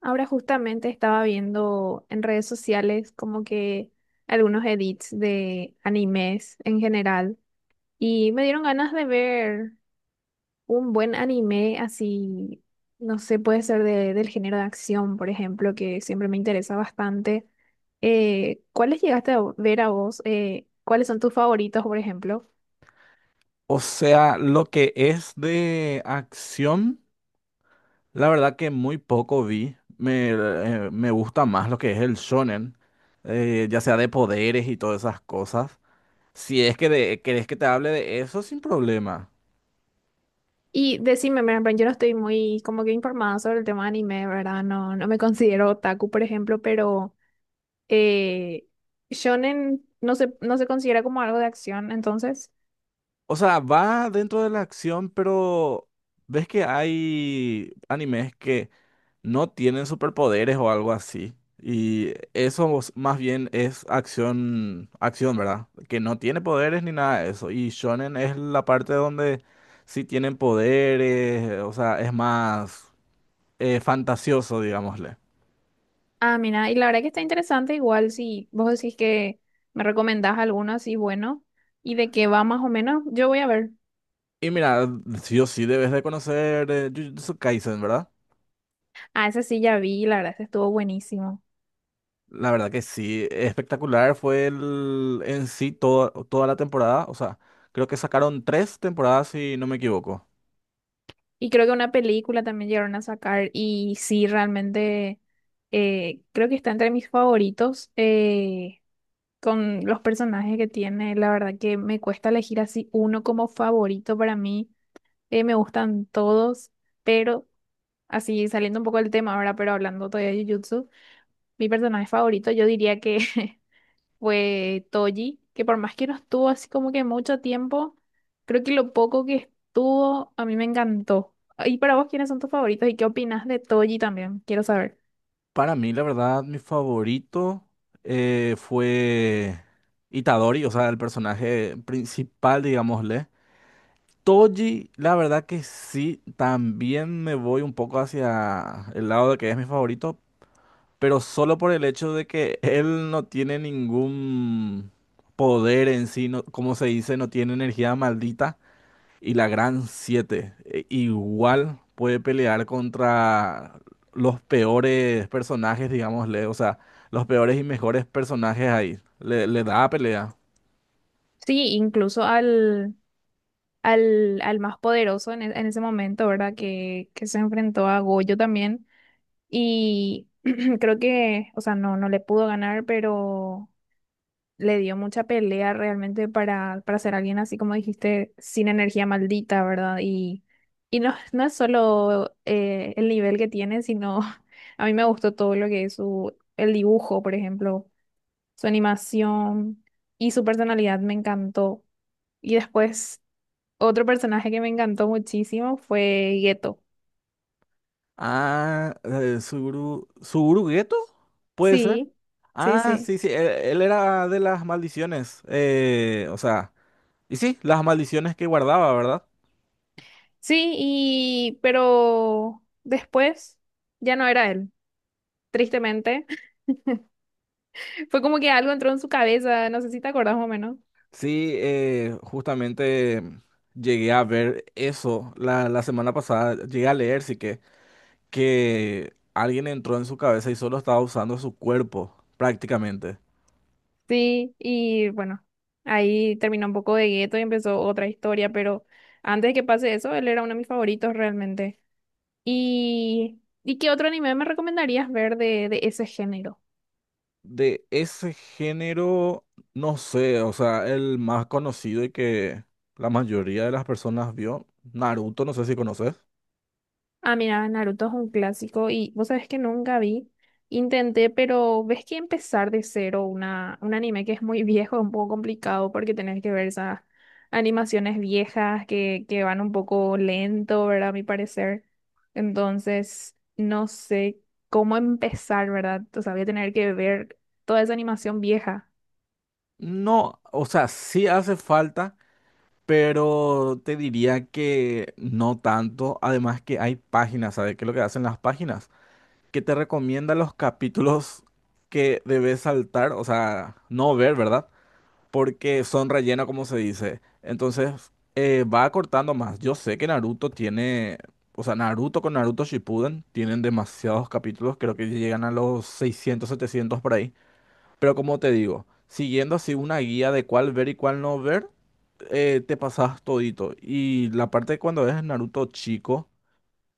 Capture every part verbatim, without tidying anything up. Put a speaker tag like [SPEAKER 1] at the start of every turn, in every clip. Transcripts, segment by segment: [SPEAKER 1] Ahora justamente estaba viendo en redes sociales como que algunos edits de animes en general y me dieron ganas de ver un buen anime así, no sé, puede ser de- del género de acción, por ejemplo, que siempre me interesa bastante. Eh, ¿cuáles llegaste a ver a vos? Eh, ¿cuáles son tus favoritos, por ejemplo?
[SPEAKER 2] O sea, lo que es de acción, la verdad que muy poco vi. Me, eh, me gusta más lo que es el shonen, eh, ya sea de poderes y todas esas cosas. Si es que de- querés que te hable de eso, sin problema.
[SPEAKER 1] Y decime, mira, pero yo no estoy muy como que informada sobre el tema de anime, ¿verdad? No, no me considero otaku, por ejemplo, pero... Eh, Shonen no se, no se considera como algo de acción, entonces.
[SPEAKER 2] O sea, va dentro de la acción, pero ves que hay animes que no tienen superpoderes o algo así. Y eso es- más bien es acción, acción, ¿verdad? Que no tiene poderes ni nada de eso. Y shonen es la parte donde sí tienen poderes, o sea, es más eh, fantasioso, digámosle.
[SPEAKER 1] Ah, mira, y la verdad que está interesante, igual si vos decís que me recomendás alguno así bueno y de qué va más o menos, yo voy a ver.
[SPEAKER 2] Y mira, sí o sí debes de conocer eh, Jujutsu Kaisen, ¿verdad?
[SPEAKER 1] Ah, ese sí ya vi, la verdad, ese estuvo buenísimo.
[SPEAKER 2] La verdad que sí, espectacular fue el, en sí toda, toda la temporada. O sea, creo que sacaron tres temporadas si no me equivoco.
[SPEAKER 1] Y creo que una película también llegaron a sacar y sí, realmente eh, creo que está entre mis favoritos eh, con los personajes que tiene, la verdad que me cuesta elegir así uno como favorito para mí. Eh, me gustan todos, pero así saliendo un poco del tema ahora, pero hablando todavía de Jujutsu, mi personaje favorito yo diría que fue Toji, que por más que no estuvo así como que mucho tiempo, creo que lo poco que estuvo a mí me encantó. ¿Y para vos quiénes son tus favoritos y qué opinas de Toji también? Quiero saber.
[SPEAKER 2] Para mí, la verdad, mi favorito eh, fue Itadori, o sea, el personaje principal, digámosle. Toji, la verdad que sí, también me voy un poco hacia el lado de que es mi favorito, pero solo por el hecho de que él no tiene ningún poder en sí, no- como se dice, no tiene energía maldita. Y la Gran siete e, igual puede pelear contra los peores personajes, digámosle, o sea, los peores y mejores personajes ahí. Le, le da pelea.
[SPEAKER 1] Sí, incluso al, al, al más poderoso en, e- en ese momento, ¿verdad? Que, que se enfrentó a Goyo también. Y creo que, o sea, no, no le pudo ganar, pero le dio mucha pelea realmente para, para ser alguien así como dijiste, sin energía maldita, ¿verdad? Y, y no, no es solo eh, el nivel que tiene, sino a mí me gustó todo lo que es su, el dibujo, por ejemplo, su animación y su personalidad me encantó. Y después, otro personaje que me encantó muchísimo fue Geto.
[SPEAKER 2] Ah, eh, Suguru, ¿Suguru Geto? ¿Puede ser?
[SPEAKER 1] Sí, sí,
[SPEAKER 2] Ah,
[SPEAKER 1] sí.
[SPEAKER 2] sí, sí, él, él era de las maldiciones. Eh, o sea, y sí, las maldiciones que guardaba, ¿verdad?
[SPEAKER 1] Sí, y pero después ya no era él, tristemente. Fue como que algo entró en su cabeza, no sé si te acordás más o menos.
[SPEAKER 2] Sí, eh, justamente llegué a ver eso la, la semana pasada, llegué a leer, sí que, que alguien entró en su cabeza y solo estaba usando su cuerpo, prácticamente.
[SPEAKER 1] Sí, y bueno, ahí terminó un poco de gueto y empezó otra historia, pero antes de que pase eso, él era uno de mis favoritos realmente. ¿Y, ¿y qué otro anime me recomendarías ver de, de ese género?
[SPEAKER 2] De ese género, no sé, o sea, el más conocido y que la mayoría de las personas vio, Naruto, no sé si conoces.
[SPEAKER 1] Ah, mira, Naruto es un clásico y vos sabés que nunca vi. Intenté, pero ves que empezar de cero una, un anime que es muy viejo es un poco complicado porque tenés que ver esas animaciones viejas que, que van un poco lento, ¿verdad? A mi parecer. Entonces, no sé cómo empezar, ¿verdad? O sea, voy a tener que ver toda esa animación vieja.
[SPEAKER 2] No, o sea, sí hace falta, pero te diría que no tanto. Además que hay páginas, ¿sabes qué es lo que hacen las páginas? Que te recomienda los capítulos que debes saltar, o sea, no ver, ¿verdad? Porque son relleno, como se dice. Entonces, eh, va acortando más. Yo sé que Naruto tiene, o sea, Naruto con Naruto Shippuden tienen demasiados capítulos, creo que llegan a los seiscientos, setecientos por ahí. Pero como te digo, siguiendo así una guía de cuál ver y cuál no ver, eh, te pasas todito. Y la parte de cuando ves Naruto chico.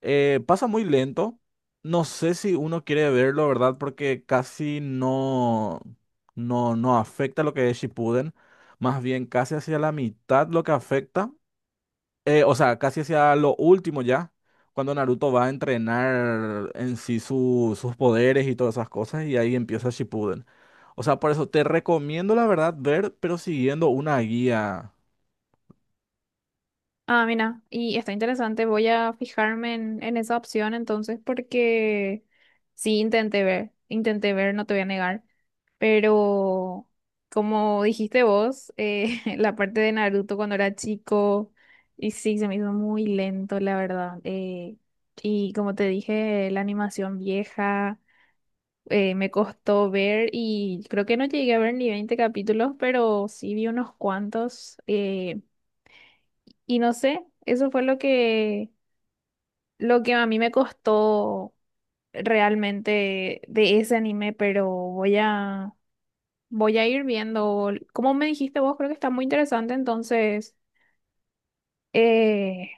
[SPEAKER 2] Eh, pasa muy lento. No sé si uno quiere verlo, ¿verdad? Porque casi no, no, no afecta lo que es Shippuden. Más bien casi hacia la mitad lo que afecta. Eh, o sea, casi hacia lo último ya. Cuando Naruto va a entrenar en sí su- sus poderes y todas esas cosas. Y ahí empieza Shippuden. O sea, por eso te recomiendo, la verdad, ver, pero siguiendo una guía.
[SPEAKER 1] Ah, mira, y está interesante. Voy a fijarme en, en esa opción entonces porque sí intenté ver, intenté ver, no te voy a negar, pero como dijiste vos, eh, la parte de Naruto cuando era chico, y sí, se me hizo muy lento, la verdad. Eh, y como te dije, la animación vieja, eh, me costó ver y creo que no llegué a ver ni veinte capítulos, pero sí vi unos cuantos. Eh, y no sé, eso fue lo que lo que a mí me costó realmente de ese anime, pero voy a, voy a ir viendo. Como me dijiste vos, creo que está muy interesante, entonces, eh,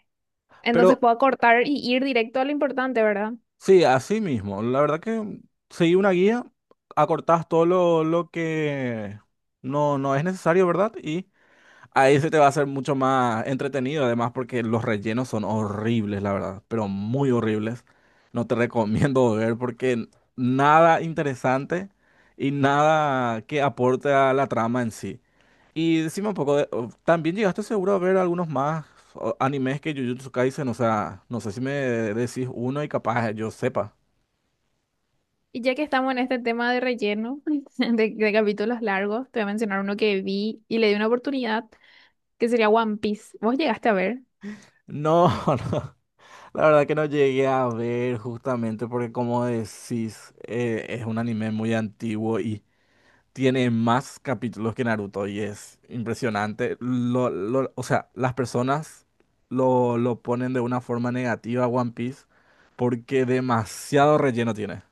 [SPEAKER 1] entonces
[SPEAKER 2] Pero
[SPEAKER 1] puedo cortar y ir directo a lo importante, ¿verdad?
[SPEAKER 2] sí, así mismo. La verdad que seguí una guía, acortás todo lo, lo que no, no es necesario, ¿verdad? Y ahí se te va a hacer mucho más entretenido, además porque los rellenos son horribles, la verdad, pero muy horribles. No te recomiendo ver porque nada interesante y nada que aporte a la trama en sí. Y decime un poco, de- o- también llegaste seguro a ver algunos más o, animes que Jujutsu Kaisen, o sea, no sé si me decís uno y capaz yo sepa.
[SPEAKER 1] Y ya que estamos en este tema de relleno, de, de capítulos largos, te voy a mencionar uno que vi y le di una oportunidad, que sería One Piece. ¿Vos llegaste a ver?
[SPEAKER 2] No, no, la verdad que no llegué a ver justamente porque como decís, eh, es un anime muy antiguo y tiene más capítulos que Naruto y es impresionante. Lo, lo- o sea, las personas lo, lo ponen de una forma negativa a One Piece porque demasiado relleno tiene.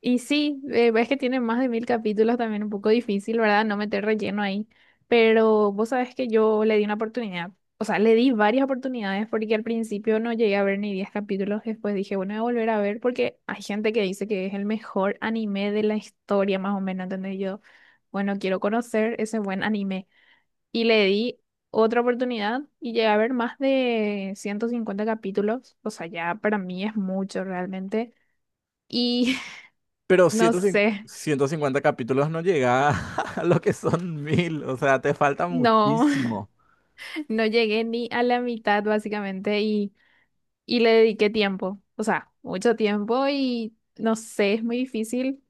[SPEAKER 1] Y sí, eh, ves que tiene más de mil capítulos también, un poco difícil, ¿verdad? No meter relleno ahí. Pero vos sabés que yo le di una oportunidad, o sea, le di varias oportunidades porque al principio no llegué a ver ni diez capítulos, después dije, bueno, voy a volver a ver porque hay gente que dice que es el mejor anime de la historia, más o menos, ¿entendés? Yo, bueno, quiero conocer ese buen anime. Y le di otra oportunidad y llegué a ver más de ciento cincuenta capítulos, o sea, ya para mí es mucho realmente. Y
[SPEAKER 2] Pero
[SPEAKER 1] no
[SPEAKER 2] ciento cincuenta
[SPEAKER 1] sé.
[SPEAKER 2] ciento cincuenta capítulos no llega a lo que son mil, o sea, te falta
[SPEAKER 1] No,
[SPEAKER 2] muchísimo.
[SPEAKER 1] no llegué ni a la mitad básicamente y, y le dediqué tiempo, o sea, mucho tiempo y no sé, es muy difícil,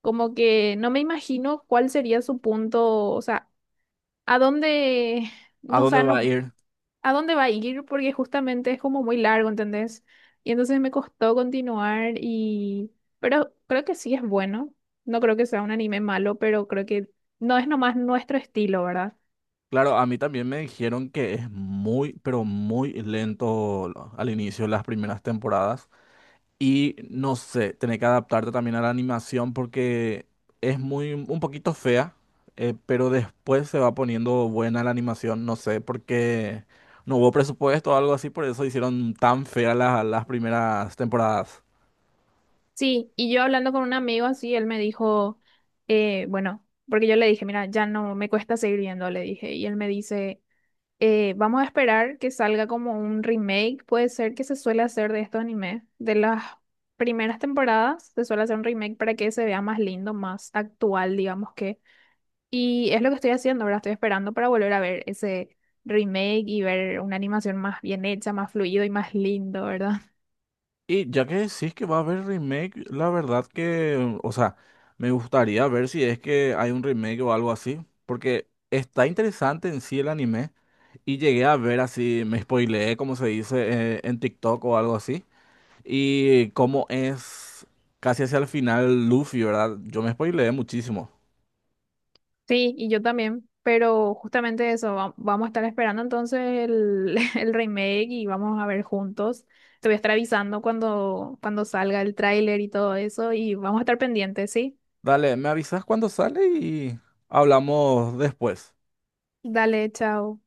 [SPEAKER 1] como que no me imagino cuál sería su punto, o sea, a dónde,
[SPEAKER 2] ¿A
[SPEAKER 1] no, o
[SPEAKER 2] dónde
[SPEAKER 1] sea,
[SPEAKER 2] va a
[SPEAKER 1] no,
[SPEAKER 2] ir?
[SPEAKER 1] a dónde va a ir porque justamente es como muy largo, ¿entendés? Y entonces me costó continuar y, pero creo que sí es bueno, no creo que sea un anime malo, pero creo que no es nomás nuestro estilo, ¿verdad?
[SPEAKER 2] Claro, a mí también me dijeron que es muy, pero muy lento lo- al inicio de las primeras temporadas. Y no sé, tener que adaptarte también a la animación porque es muy, un poquito fea, eh, pero después se va poniendo buena la animación. No sé, porque no hubo presupuesto o algo así, por eso hicieron tan feas las, las primeras temporadas.
[SPEAKER 1] Sí, y yo hablando con un amigo así, él me dijo, eh, bueno, porque yo le dije, mira, ya no me cuesta seguir viendo, le dije, y él me dice, eh, vamos a esperar que salga como un remake, puede ser que se suele hacer de estos animes, de las primeras temporadas se suele hacer un remake para que se vea más lindo, más actual, digamos que, y es lo que estoy haciendo, ahora estoy esperando para volver a ver ese remake y ver una animación más bien hecha, más fluido y más lindo, ¿verdad?
[SPEAKER 2] Y ya que decís que va a haber remake, la verdad que, o sea, me gustaría ver si es que hay un remake o algo así, porque está interesante en sí el anime y llegué a ver así, me spoileé, como se dice, eh, en TikTok o algo así, y cómo es casi hacia el final Luffy, ¿verdad? Yo me spoileé muchísimo.
[SPEAKER 1] Sí, y yo también, pero justamente eso, va- vamos a estar esperando entonces el, el remake y vamos a ver juntos. Te voy a estar avisando cuando, cuando salga el tráiler y todo eso y vamos a estar pendientes, ¿sí?
[SPEAKER 2] Dale, me avisas cuando sale y hablamos después.
[SPEAKER 1] Dale, chao.